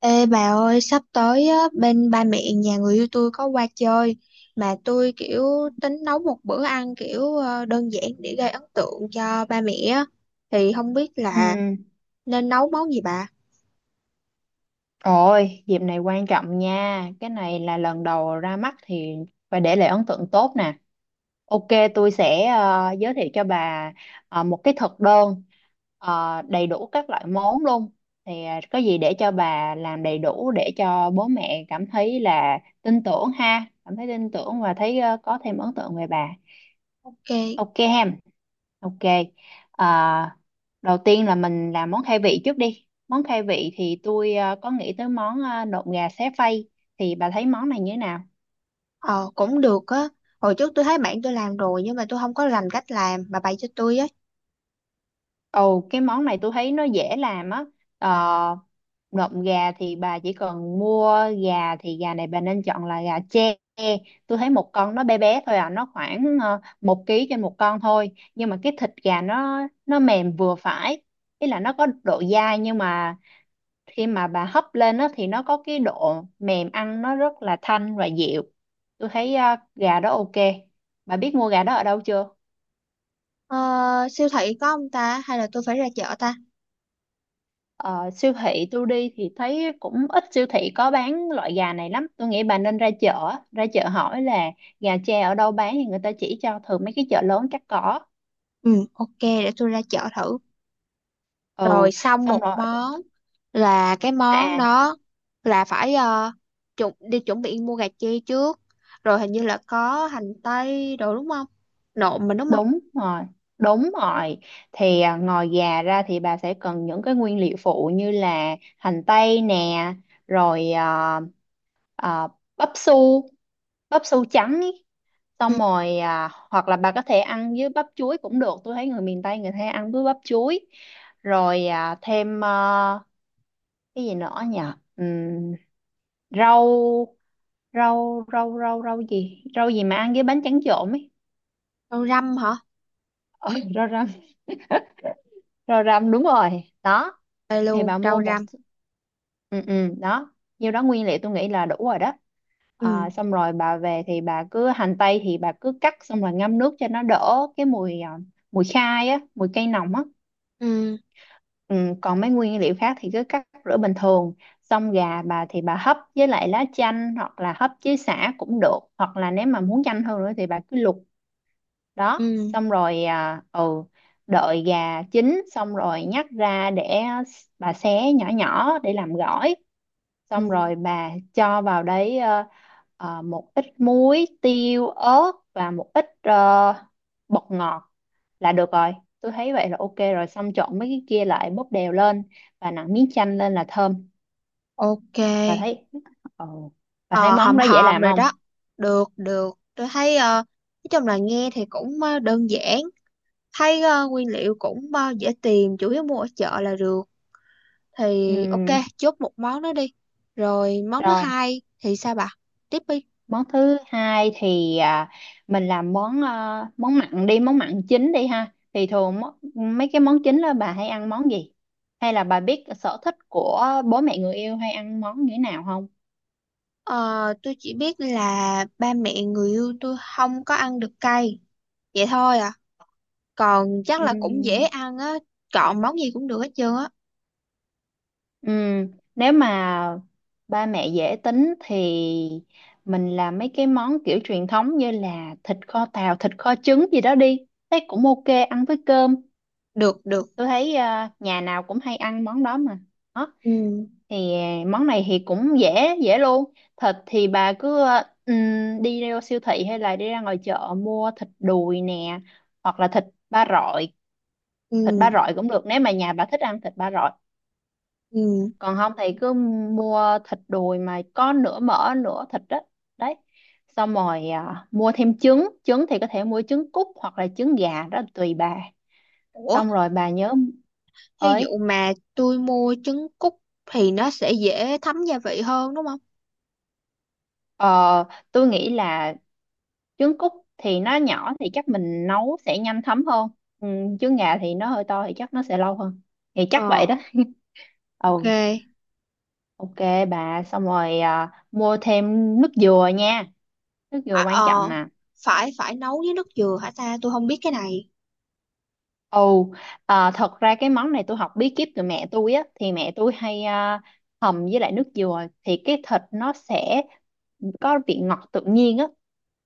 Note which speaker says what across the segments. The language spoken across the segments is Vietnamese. Speaker 1: Ê bà ơi, sắp tới á, bên ba mẹ nhà người yêu tôi có qua chơi mà tôi kiểu tính nấu một bữa ăn kiểu đơn giản để gây ấn tượng cho ba mẹ á. Thì không biết
Speaker 2: Ừ.
Speaker 1: là nên nấu món gì bà?
Speaker 2: Ôi, dịp này quan trọng nha. Cái này là lần đầu ra mắt thì phải để lại ấn tượng tốt nè. Ok, tôi sẽ giới thiệu cho bà một cái thực đơn đầy đủ các loại món luôn. Thì có gì để cho bà làm đầy đủ để cho bố mẹ cảm thấy là tin tưởng ha, cảm thấy tin tưởng và thấy có thêm ấn tượng về bà.
Speaker 1: Ok,
Speaker 2: Ok ha. Ok. À, đầu tiên là mình làm món khai vị trước đi. Món khai vị thì tôi có nghĩ tới món nộm gà xé phay. Thì bà thấy món này như thế nào?
Speaker 1: ờ cũng được á. Hồi trước tôi thấy bạn tôi làm rồi nhưng mà tôi không có rành cách làm, bà bày cho tôi á.
Speaker 2: Ồ, cái món này tôi thấy nó dễ làm á. Ờ, nộm gà thì bà chỉ cần mua gà, thì gà này bà nên chọn là gà tre. Tôi thấy một con nó bé bé thôi à, nó khoảng 1 ký trên một con thôi. Nhưng mà cái thịt gà nó mềm vừa phải. Ý là nó có độ dai nhưng mà khi mà bà hấp lên á thì nó có cái độ mềm, ăn nó rất là thanh và dịu. Tôi thấy à, gà đó ok. Bà biết mua gà đó ở đâu chưa?
Speaker 1: Ờ, siêu thị có không ta? Hay là tôi phải ra chợ ta?
Speaker 2: Ờ, siêu thị tôi đi thì thấy cũng ít siêu thị có bán loại gà này lắm, tôi nghĩ bà nên ra chợ, hỏi là gà tre ở đâu bán thì người ta chỉ cho, thường mấy cái chợ lớn chắc có.
Speaker 1: Ừ, ok, để tôi ra chợ thử. Rồi,
Speaker 2: Ừ,
Speaker 1: xong
Speaker 2: xong
Speaker 1: một
Speaker 2: rồi
Speaker 1: món, là cái món
Speaker 2: à.
Speaker 1: đó là phải chuẩn chuẩn bị mua gà chi trước, rồi hình như là có hành tây đồ đúng không, nộm mình đúng không.
Speaker 2: Đúng rồi, đúng rồi. Thì à, ngoài gà ra thì bà sẽ cần những cái nguyên liệu phụ như là hành tây nè, rồi à, à, bắp su, bắp su trắng ý.
Speaker 1: Ừ,
Speaker 2: Xong rồi à, hoặc là bà có thể ăn với bắp chuối cũng được. Tôi thấy người miền Tây người ta ăn với bắp chuối. Rồi à, thêm à, cái gì nữa nhỉ? Ừm, rau rau rau rau rau gì? Rau gì mà ăn với bánh tráng trộn ấy.
Speaker 1: rau răm hả?
Speaker 2: Ờ, rau răm. Rồi rằm đúng rồi đó,
Speaker 1: Đây
Speaker 2: thì
Speaker 1: luôn,
Speaker 2: bà mua
Speaker 1: rau
Speaker 2: một,
Speaker 1: răm.
Speaker 2: ừ ừ đó, nhiêu đó nguyên liệu tôi nghĩ là đủ rồi đó.
Speaker 1: Ừ,
Speaker 2: À, xong rồi bà về thì bà cứ hành tây thì bà cứ cắt xong rồi ngâm nước cho nó đỡ cái mùi à, mùi khai á, mùi cây nồng á.
Speaker 1: ừ,
Speaker 2: Ừ, còn mấy nguyên liệu khác thì cứ cắt rửa bình thường. Xong gà bà thì bà hấp với lại lá chanh hoặc là hấp với sả cũng được, hoặc là nếu mà muốn nhanh hơn nữa thì bà cứ luộc. Đó,
Speaker 1: ừ,
Speaker 2: xong rồi à, ừ, đợi gà chín xong rồi nhắc ra để bà xé nhỏ nhỏ để làm gỏi.
Speaker 1: ừ,
Speaker 2: Xong rồi bà cho vào đấy một ít muối tiêu ớt và một ít bột ngọt là được rồi. Tôi thấy vậy là ok rồi, xong trộn mấy cái kia lại bóp đều lên và nặn miếng chanh lên là thơm.
Speaker 1: ok.
Speaker 2: Bà thấy. Ừ. Bà thấy
Speaker 1: Ờ,
Speaker 2: món
Speaker 1: hòm
Speaker 2: đó dễ
Speaker 1: hòm
Speaker 2: làm
Speaker 1: rồi đó.
Speaker 2: không?
Speaker 1: Được, được, tôi thấy, ờ, nói chung là nghe thì cũng đơn giản, thấy nguyên liệu cũng dễ tìm, chủ yếu mua ở chợ là được.
Speaker 2: Ừ.
Speaker 1: Thì ok, chốt một món đó đi. Rồi món thứ
Speaker 2: Rồi
Speaker 1: hai thì sao bà, tiếp đi.
Speaker 2: món thứ hai thì à, mình làm món à, món mặn đi, món mặn chính đi ha. Thì thường mấy cái món chính đó bà hay ăn món gì, hay là bà biết sở thích của bố mẹ người yêu hay ăn món như thế nào không?
Speaker 1: Ờ, tôi chỉ biết là ba mẹ người yêu tôi không có ăn được cay, vậy thôi à. Còn chắc là cũng dễ
Speaker 2: Ừm,
Speaker 1: ăn á, chọn món gì cũng được hết trơn á.
Speaker 2: ừm, nếu mà ba mẹ dễ tính thì mình làm mấy cái món kiểu truyền thống như là thịt kho tàu, thịt kho trứng gì đó đi. Thấy cũng ok, ăn với cơm.
Speaker 1: Được, được.
Speaker 2: Tôi thấy à, nhà nào cũng hay ăn món đó mà.
Speaker 1: Ừ,
Speaker 2: Thì à, món này thì cũng dễ dễ luôn. Thịt thì bà cứ đi ra siêu thị hay là đi ra ngoài chợ mua thịt đùi nè, hoặc là thịt ba rọi.
Speaker 1: ừ,
Speaker 2: Thịt ba rọi cũng được nếu mà nhà bà thích ăn thịt ba rọi,
Speaker 1: ừ.
Speaker 2: còn không thì cứ mua thịt đùi mà có nửa mỡ nửa thịt đó. Đấy, xong rồi à, mua thêm trứng. Trứng thì có thể mua trứng cút hoặc là trứng gà, đó là tùy bà.
Speaker 1: Ủa,
Speaker 2: Xong rồi bà nhớ
Speaker 1: thí dụ
Speaker 2: ơi,
Speaker 1: mà tôi mua trứng cút thì nó sẽ dễ thấm gia vị hơn đúng không?
Speaker 2: ờ, tôi nghĩ là trứng cút thì nó nhỏ thì chắc mình nấu sẽ nhanh thấm hơn. Ừ, trứng gà thì nó hơi to thì chắc nó sẽ lâu hơn, thì chắc vậy
Speaker 1: Ờ,
Speaker 2: đó ừ,
Speaker 1: ok.
Speaker 2: ok. Bà xong rồi à, mua thêm nước dừa nha, nước dừa
Speaker 1: À,
Speaker 2: quan
Speaker 1: ờ,
Speaker 2: trọng nè.
Speaker 1: phải phải nấu với nước dừa hả ta, tôi không biết cái này.
Speaker 2: Ồ, à, thật ra cái món này tôi học bí kíp từ mẹ tôi á, thì mẹ tôi hay à, hầm với lại nước dừa thì cái thịt nó sẽ có vị ngọt tự nhiên á.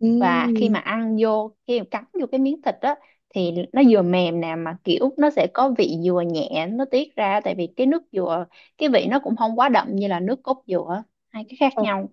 Speaker 1: Ừ.
Speaker 2: Và khi mà ăn vô, khi mà cắn vô cái miếng thịt á thì nó vừa mềm nè mà kiểu nó sẽ có vị dừa nhẹ nó tiết ra, tại vì cái nước dừa cái vị nó cũng không quá đậm như là nước cốt dừa, hai cái khác nhau.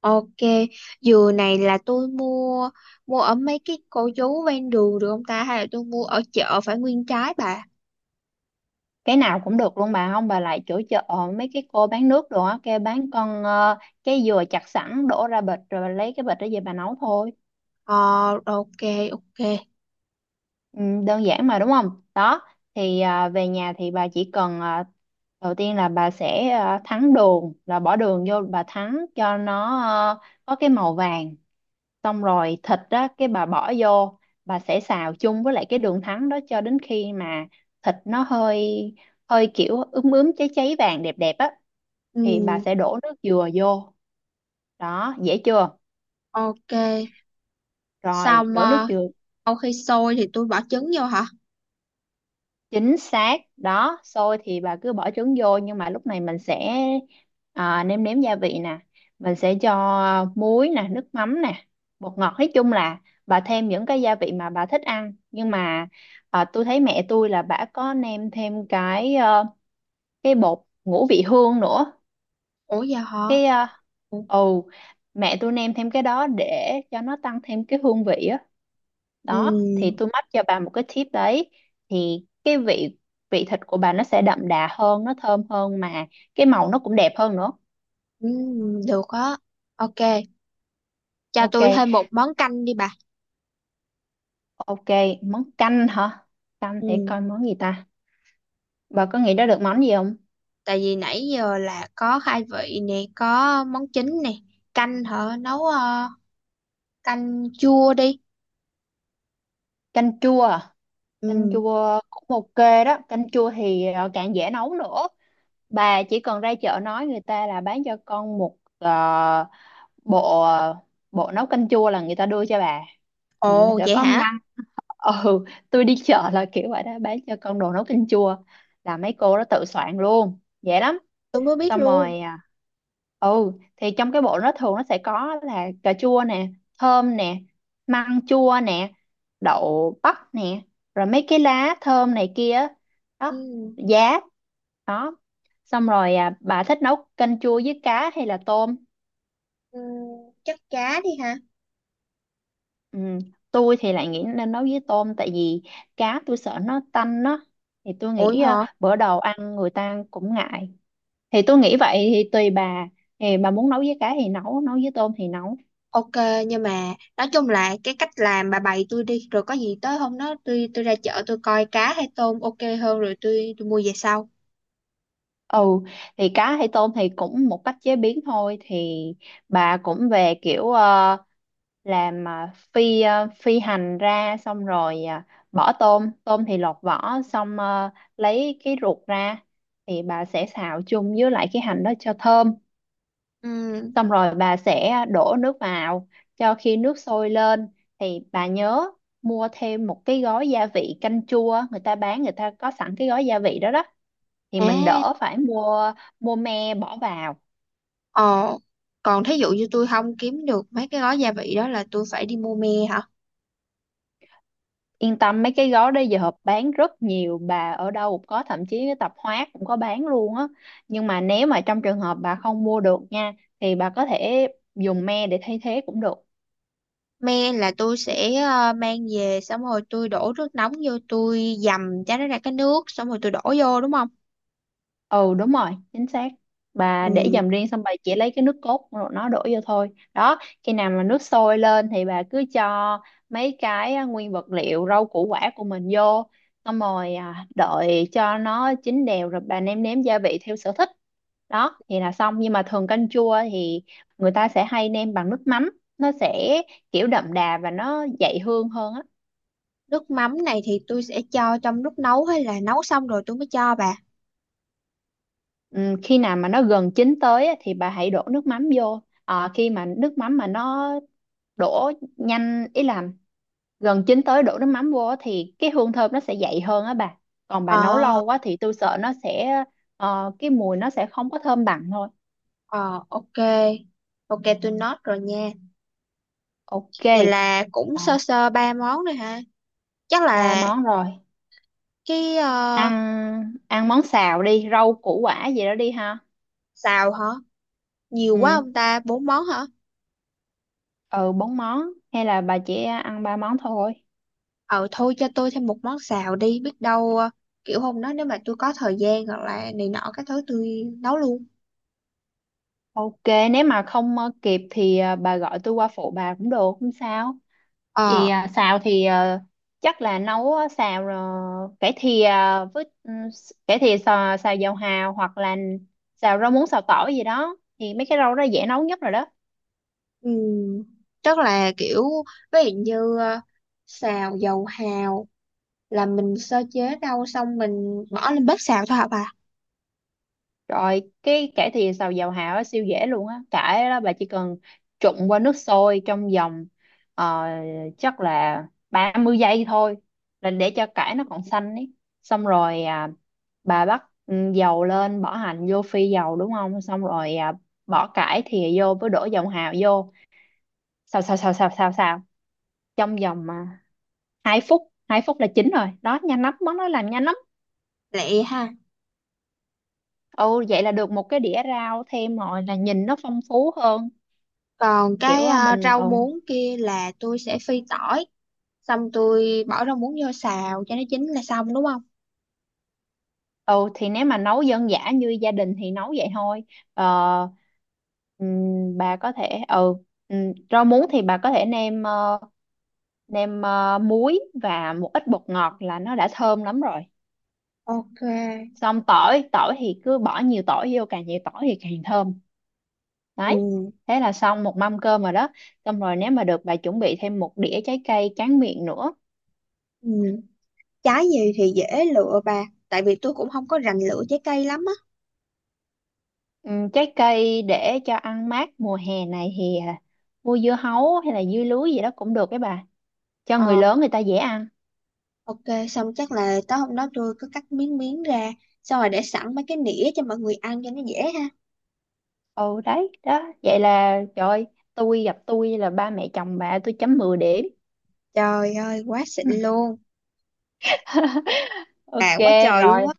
Speaker 1: Ok, dừa này là tôi mua mua ở mấy cái cô chú ven đường được không ta, hay là tôi mua ở chợ phải nguyên trái bà?
Speaker 2: Cái nào cũng được luôn bà, không bà lại chỗ chợ mấy cái cô bán nước đồ á, kêu bán con cái dừa chặt sẵn đổ ra bịch, rồi bà lấy cái bịch đó về bà nấu thôi.
Speaker 1: Ờ, ok, ok.
Speaker 2: Ừ, đơn giản mà đúng không? Đó, thì à, về nhà thì bà chỉ cần à, đầu tiên là bà sẽ à, thắng đường, là bỏ đường vô bà thắng cho nó có cái màu vàng. Xong rồi thịt đó cái bà bỏ vô, bà sẽ xào chung với lại cái đường thắng đó cho đến khi mà thịt nó hơi hơi kiểu ướm ướm cháy cháy vàng đẹp đẹp á thì bà
Speaker 1: Ừ,
Speaker 2: sẽ đổ nước dừa vô. Đó, dễ chưa?
Speaker 1: ok.
Speaker 2: Rồi,
Speaker 1: Xong
Speaker 2: đổ nước dừa.
Speaker 1: sau khi sôi thì tôi bỏ trứng vô hả?
Speaker 2: Chính xác đó, xôi thì bà cứ bỏ trứng vô, nhưng mà lúc này mình sẽ à, nêm nếm gia vị nè, mình sẽ cho muối nè, nước mắm nè, bột ngọt, nói chung là bà thêm những cái gia vị mà bà thích ăn. Nhưng mà à, tôi thấy mẹ tôi là bà có nêm thêm cái cái bột ngũ vị hương nữa.
Speaker 1: Ủa giờ hả?
Speaker 2: Cái ờ,
Speaker 1: Ừ,
Speaker 2: ồ, mẹ tôi nêm thêm cái đó để cho nó tăng thêm cái hương vị á. Đó thì tôi mách cho bà một cái tip đấy, thì cái vị, vị thịt của bà nó sẽ đậm đà hơn, nó thơm hơn, mà cái màu nó cũng đẹp hơn nữa.
Speaker 1: ừ, được á. Ok, cho
Speaker 2: Ok.
Speaker 1: tôi thêm một món canh đi bà.
Speaker 2: Ok. Món canh hả? Canh để
Speaker 1: Ừ,
Speaker 2: coi món gì ta. Bà có nghĩ ra được món gì không?
Speaker 1: tại vì nãy giờ là có khai vị nè, có món chính nè, canh hả? Nấu canh chua đi.
Speaker 2: Canh chua à? Canh
Speaker 1: Ừ.
Speaker 2: chua cũng ok đó, canh chua thì càng dễ nấu nữa. Bà chỉ cần ra chợ nói người ta là bán cho con một bộ bộ nấu canh chua là người ta đưa cho bà. Ừ, nó
Speaker 1: Ồ
Speaker 2: sẽ
Speaker 1: vậy
Speaker 2: có
Speaker 1: hả?
Speaker 2: măng ừ, tôi đi chợ là kiểu vậy đó, bán cho con đồ nấu canh chua là mấy cô đó tự soạn luôn, dễ lắm.
Speaker 1: Tôi mới biết
Speaker 2: Xong
Speaker 1: luôn.
Speaker 2: rồi à, ừ, thì trong cái bộ nó thường nó sẽ có là cà chua nè, thơm nè, măng chua nè, đậu bắp nè, rồi mấy cái lá thơm này kia,
Speaker 1: Ừ,
Speaker 2: đó, giá, đó. Xong rồi à, bà thích nấu canh chua với cá hay là tôm?
Speaker 1: ừ, chắc cá đi hả?
Speaker 2: Ừ, tôi thì lại nghĩ nên nấu với tôm, tại vì cá tôi sợ nó tanh đó. Thì tôi
Speaker 1: Ủi
Speaker 2: nghĩ
Speaker 1: hả?
Speaker 2: ờ, bữa đầu ăn người ta cũng ngại, thì tôi nghĩ vậy, thì tùy bà, thì bà muốn nấu với cá thì nấu, nấu với tôm thì nấu.
Speaker 1: Ok, nhưng mà nói chung là cái cách làm bà bày tôi đi, rồi có gì tới hôm đó tôi ra chợ tôi coi cá hay tôm ok hơn, rồi tôi mua về sau.
Speaker 2: Ừ, thì cá hay tôm thì cũng một cách chế biến thôi. Thì bà cũng về kiểu làm phi phi hành ra, xong rồi bỏ tôm. Tôm thì lột vỏ xong lấy cái ruột ra, thì bà sẽ xào chung với lại cái hành đó cho thơm.
Speaker 1: Ừ.
Speaker 2: Xong rồi bà sẽ đổ nước vào, cho khi nước sôi lên thì bà nhớ mua thêm một cái gói gia vị canh chua, người ta bán, người ta có sẵn cái gói gia vị đó đó thì mình
Speaker 1: À.
Speaker 2: đỡ phải mua. Mua me bỏ vào.
Speaker 1: Ồ. Còn thí dụ như tôi không kiếm được mấy cái gói gia vị đó là tôi phải đi mua me hả?
Speaker 2: Yên tâm, mấy cái gói đó giờ bán rất nhiều bà, ở đâu cũng có, thậm chí cái tạp hóa cũng có bán luôn á. Nhưng mà nếu mà trong trường hợp bà không mua được nha, thì bà có thể dùng me để thay thế cũng được.
Speaker 1: Me là tôi sẽ mang về, xong rồi tôi đổ nước nóng vô, tôi dầm cho nó ra cái nước, xong rồi tôi đổ vô đúng không?
Speaker 2: Ừ, đúng rồi, chính xác. Bà để
Speaker 1: Ừ.
Speaker 2: dầm riêng, xong bà chỉ lấy cái nước cốt rồi nó đổ vô thôi. Đó, khi nào mà nước sôi lên thì bà cứ cho mấy cái à, nguyên vật liệu rau củ quả của mình vô, xong rồi à, đợi cho nó chín đều rồi bà nêm nếm gia vị theo sở thích. Đó thì là xong. Nhưng mà thường canh chua thì người ta sẽ hay nêm bằng nước mắm, nó sẽ kiểu đậm đà và nó dậy hương hơn á.
Speaker 1: Nước mắm này thì tôi sẽ cho trong lúc nấu hay là nấu xong rồi tôi mới cho bà?
Speaker 2: Ừ, khi nào mà nó gần chín tới á thì bà hãy đổ nước mắm vô. Ờ, khi mà nước mắm mà nó đổ nhanh, ý là gần chín tới đổ nước mắm vô á thì cái hương thơm nó sẽ dậy hơn á bà. Còn bà nấu
Speaker 1: Ờ,
Speaker 2: lâu quá thì tôi sợ nó sẽ cái mùi nó sẽ không có thơm bằng thôi.
Speaker 1: ờ, ok. Ok, tôi note rồi nha.
Speaker 2: Ok.
Speaker 1: Vậy là cũng
Speaker 2: Rồi,
Speaker 1: sơ sơ ba món rồi ha. Chắc
Speaker 2: ba
Speaker 1: là
Speaker 2: món rồi.
Speaker 1: cái ờ,
Speaker 2: Ăn, ăn món xào đi, rau củ quả gì đó đi ha.
Speaker 1: xào hả? Nhiều quá ông
Speaker 2: Ừ,
Speaker 1: ta, bốn món hả?
Speaker 2: ừ bốn món, hay là bà chỉ ăn ba món thôi?
Speaker 1: Ờ, thôi cho tôi thêm một món xào đi. Biết đâu kiểu hôm đó nếu mà tôi có thời gian hoặc là này nọ cái thứ tôi nấu luôn.
Speaker 2: Ok, nếu mà không kịp thì bà gọi tôi qua phụ bà cũng được, không sao.
Speaker 1: Ờ,
Speaker 2: Vì à, xào thì chắc là nấu á, xào cải thìa với cải thìa xào, xào dầu hào, hoặc là xào rau muống, xào tỏi gì đó, thì mấy cái rau đó dễ nấu nhất rồi đó.
Speaker 1: um, chắc là kiểu ví dụ như xào dầu hào là mình sơ chế rau xong mình bỏ lên bếp xào thôi hả bà?
Speaker 2: Rồi cái cải thìa xào dầu hào á, siêu dễ luôn á. Cải đó bà chỉ cần trụng qua nước sôi trong vòng ờ, chắc là 30 giây thôi, là để cho cải nó còn xanh ấy. Xong rồi à, bà bắt dầu lên bỏ hành vô phi dầu đúng không? Xong rồi à, bỏ cải thìa vô với đổ dầu hào vô. Xào xào xào xào xào xào trong vòng à, 2 phút, 2 phút là chín rồi. Đó nhanh lắm, món đó làm nhanh lắm.
Speaker 1: Lẹ ha.
Speaker 2: Ừ, vậy là được một cái đĩa rau thêm rồi, là nhìn nó phong phú hơn.
Speaker 1: Còn
Speaker 2: Kiểu
Speaker 1: cái
Speaker 2: mình
Speaker 1: rau muống kia là tôi sẽ phi tỏi, xong tôi bỏ rau muống vô xào cho nó chín là xong đúng không?
Speaker 2: ừ thì nếu mà nấu dân dã như gia đình thì nấu vậy thôi. Ờ, bà có thể ừ, rau muống thì bà có thể nêm nêm muối và một ít bột ngọt là nó đã thơm lắm rồi.
Speaker 1: Ok.
Speaker 2: Xong tỏi, tỏi thì cứ bỏ nhiều tỏi vô, càng nhiều tỏi thì càng thơm. Đấy,
Speaker 1: Ừ,
Speaker 2: thế là xong một mâm cơm rồi đó. Xong rồi nếu mà được bà chuẩn bị thêm một đĩa trái cây tráng miệng nữa.
Speaker 1: ừ. Trái gì thì dễ lựa bà, tại vì tôi cũng không có rành lựa trái cây lắm á.
Speaker 2: Ừ, trái cây để cho ăn mát mùa hè này thì à, mua dưa hấu hay là dưa lưới gì đó cũng được đấy bà, cho người
Speaker 1: Ờ,
Speaker 2: lớn người ta dễ ăn.
Speaker 1: ok, xong chắc là tối hôm đó tôi cứ cắt miếng miếng ra, xong rồi để sẵn mấy cái nĩa cho mọi người ăn cho nó dễ ha.
Speaker 2: Ồ đấy đó, vậy là trời ơi, tôi gặp tôi là ba mẹ chồng bà tôi chấm 10 điểm
Speaker 1: Trời ơi quá xịn luôn,
Speaker 2: ok
Speaker 1: quá trời luôn
Speaker 2: rồi
Speaker 1: á.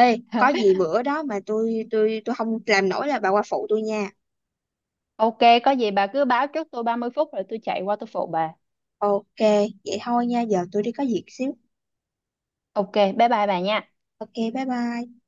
Speaker 1: Ê có gì bữa đó mà tôi không làm nổi là bà qua phụ tôi nha.
Speaker 2: ok, có gì bà cứ báo trước tôi 30 phút rồi tôi chạy qua tôi phụ bà.
Speaker 1: Ok, vậy thôi nha, giờ tôi đi có việc xíu.
Speaker 2: Ok, bye bye bà nha.
Speaker 1: Ok, bye bye.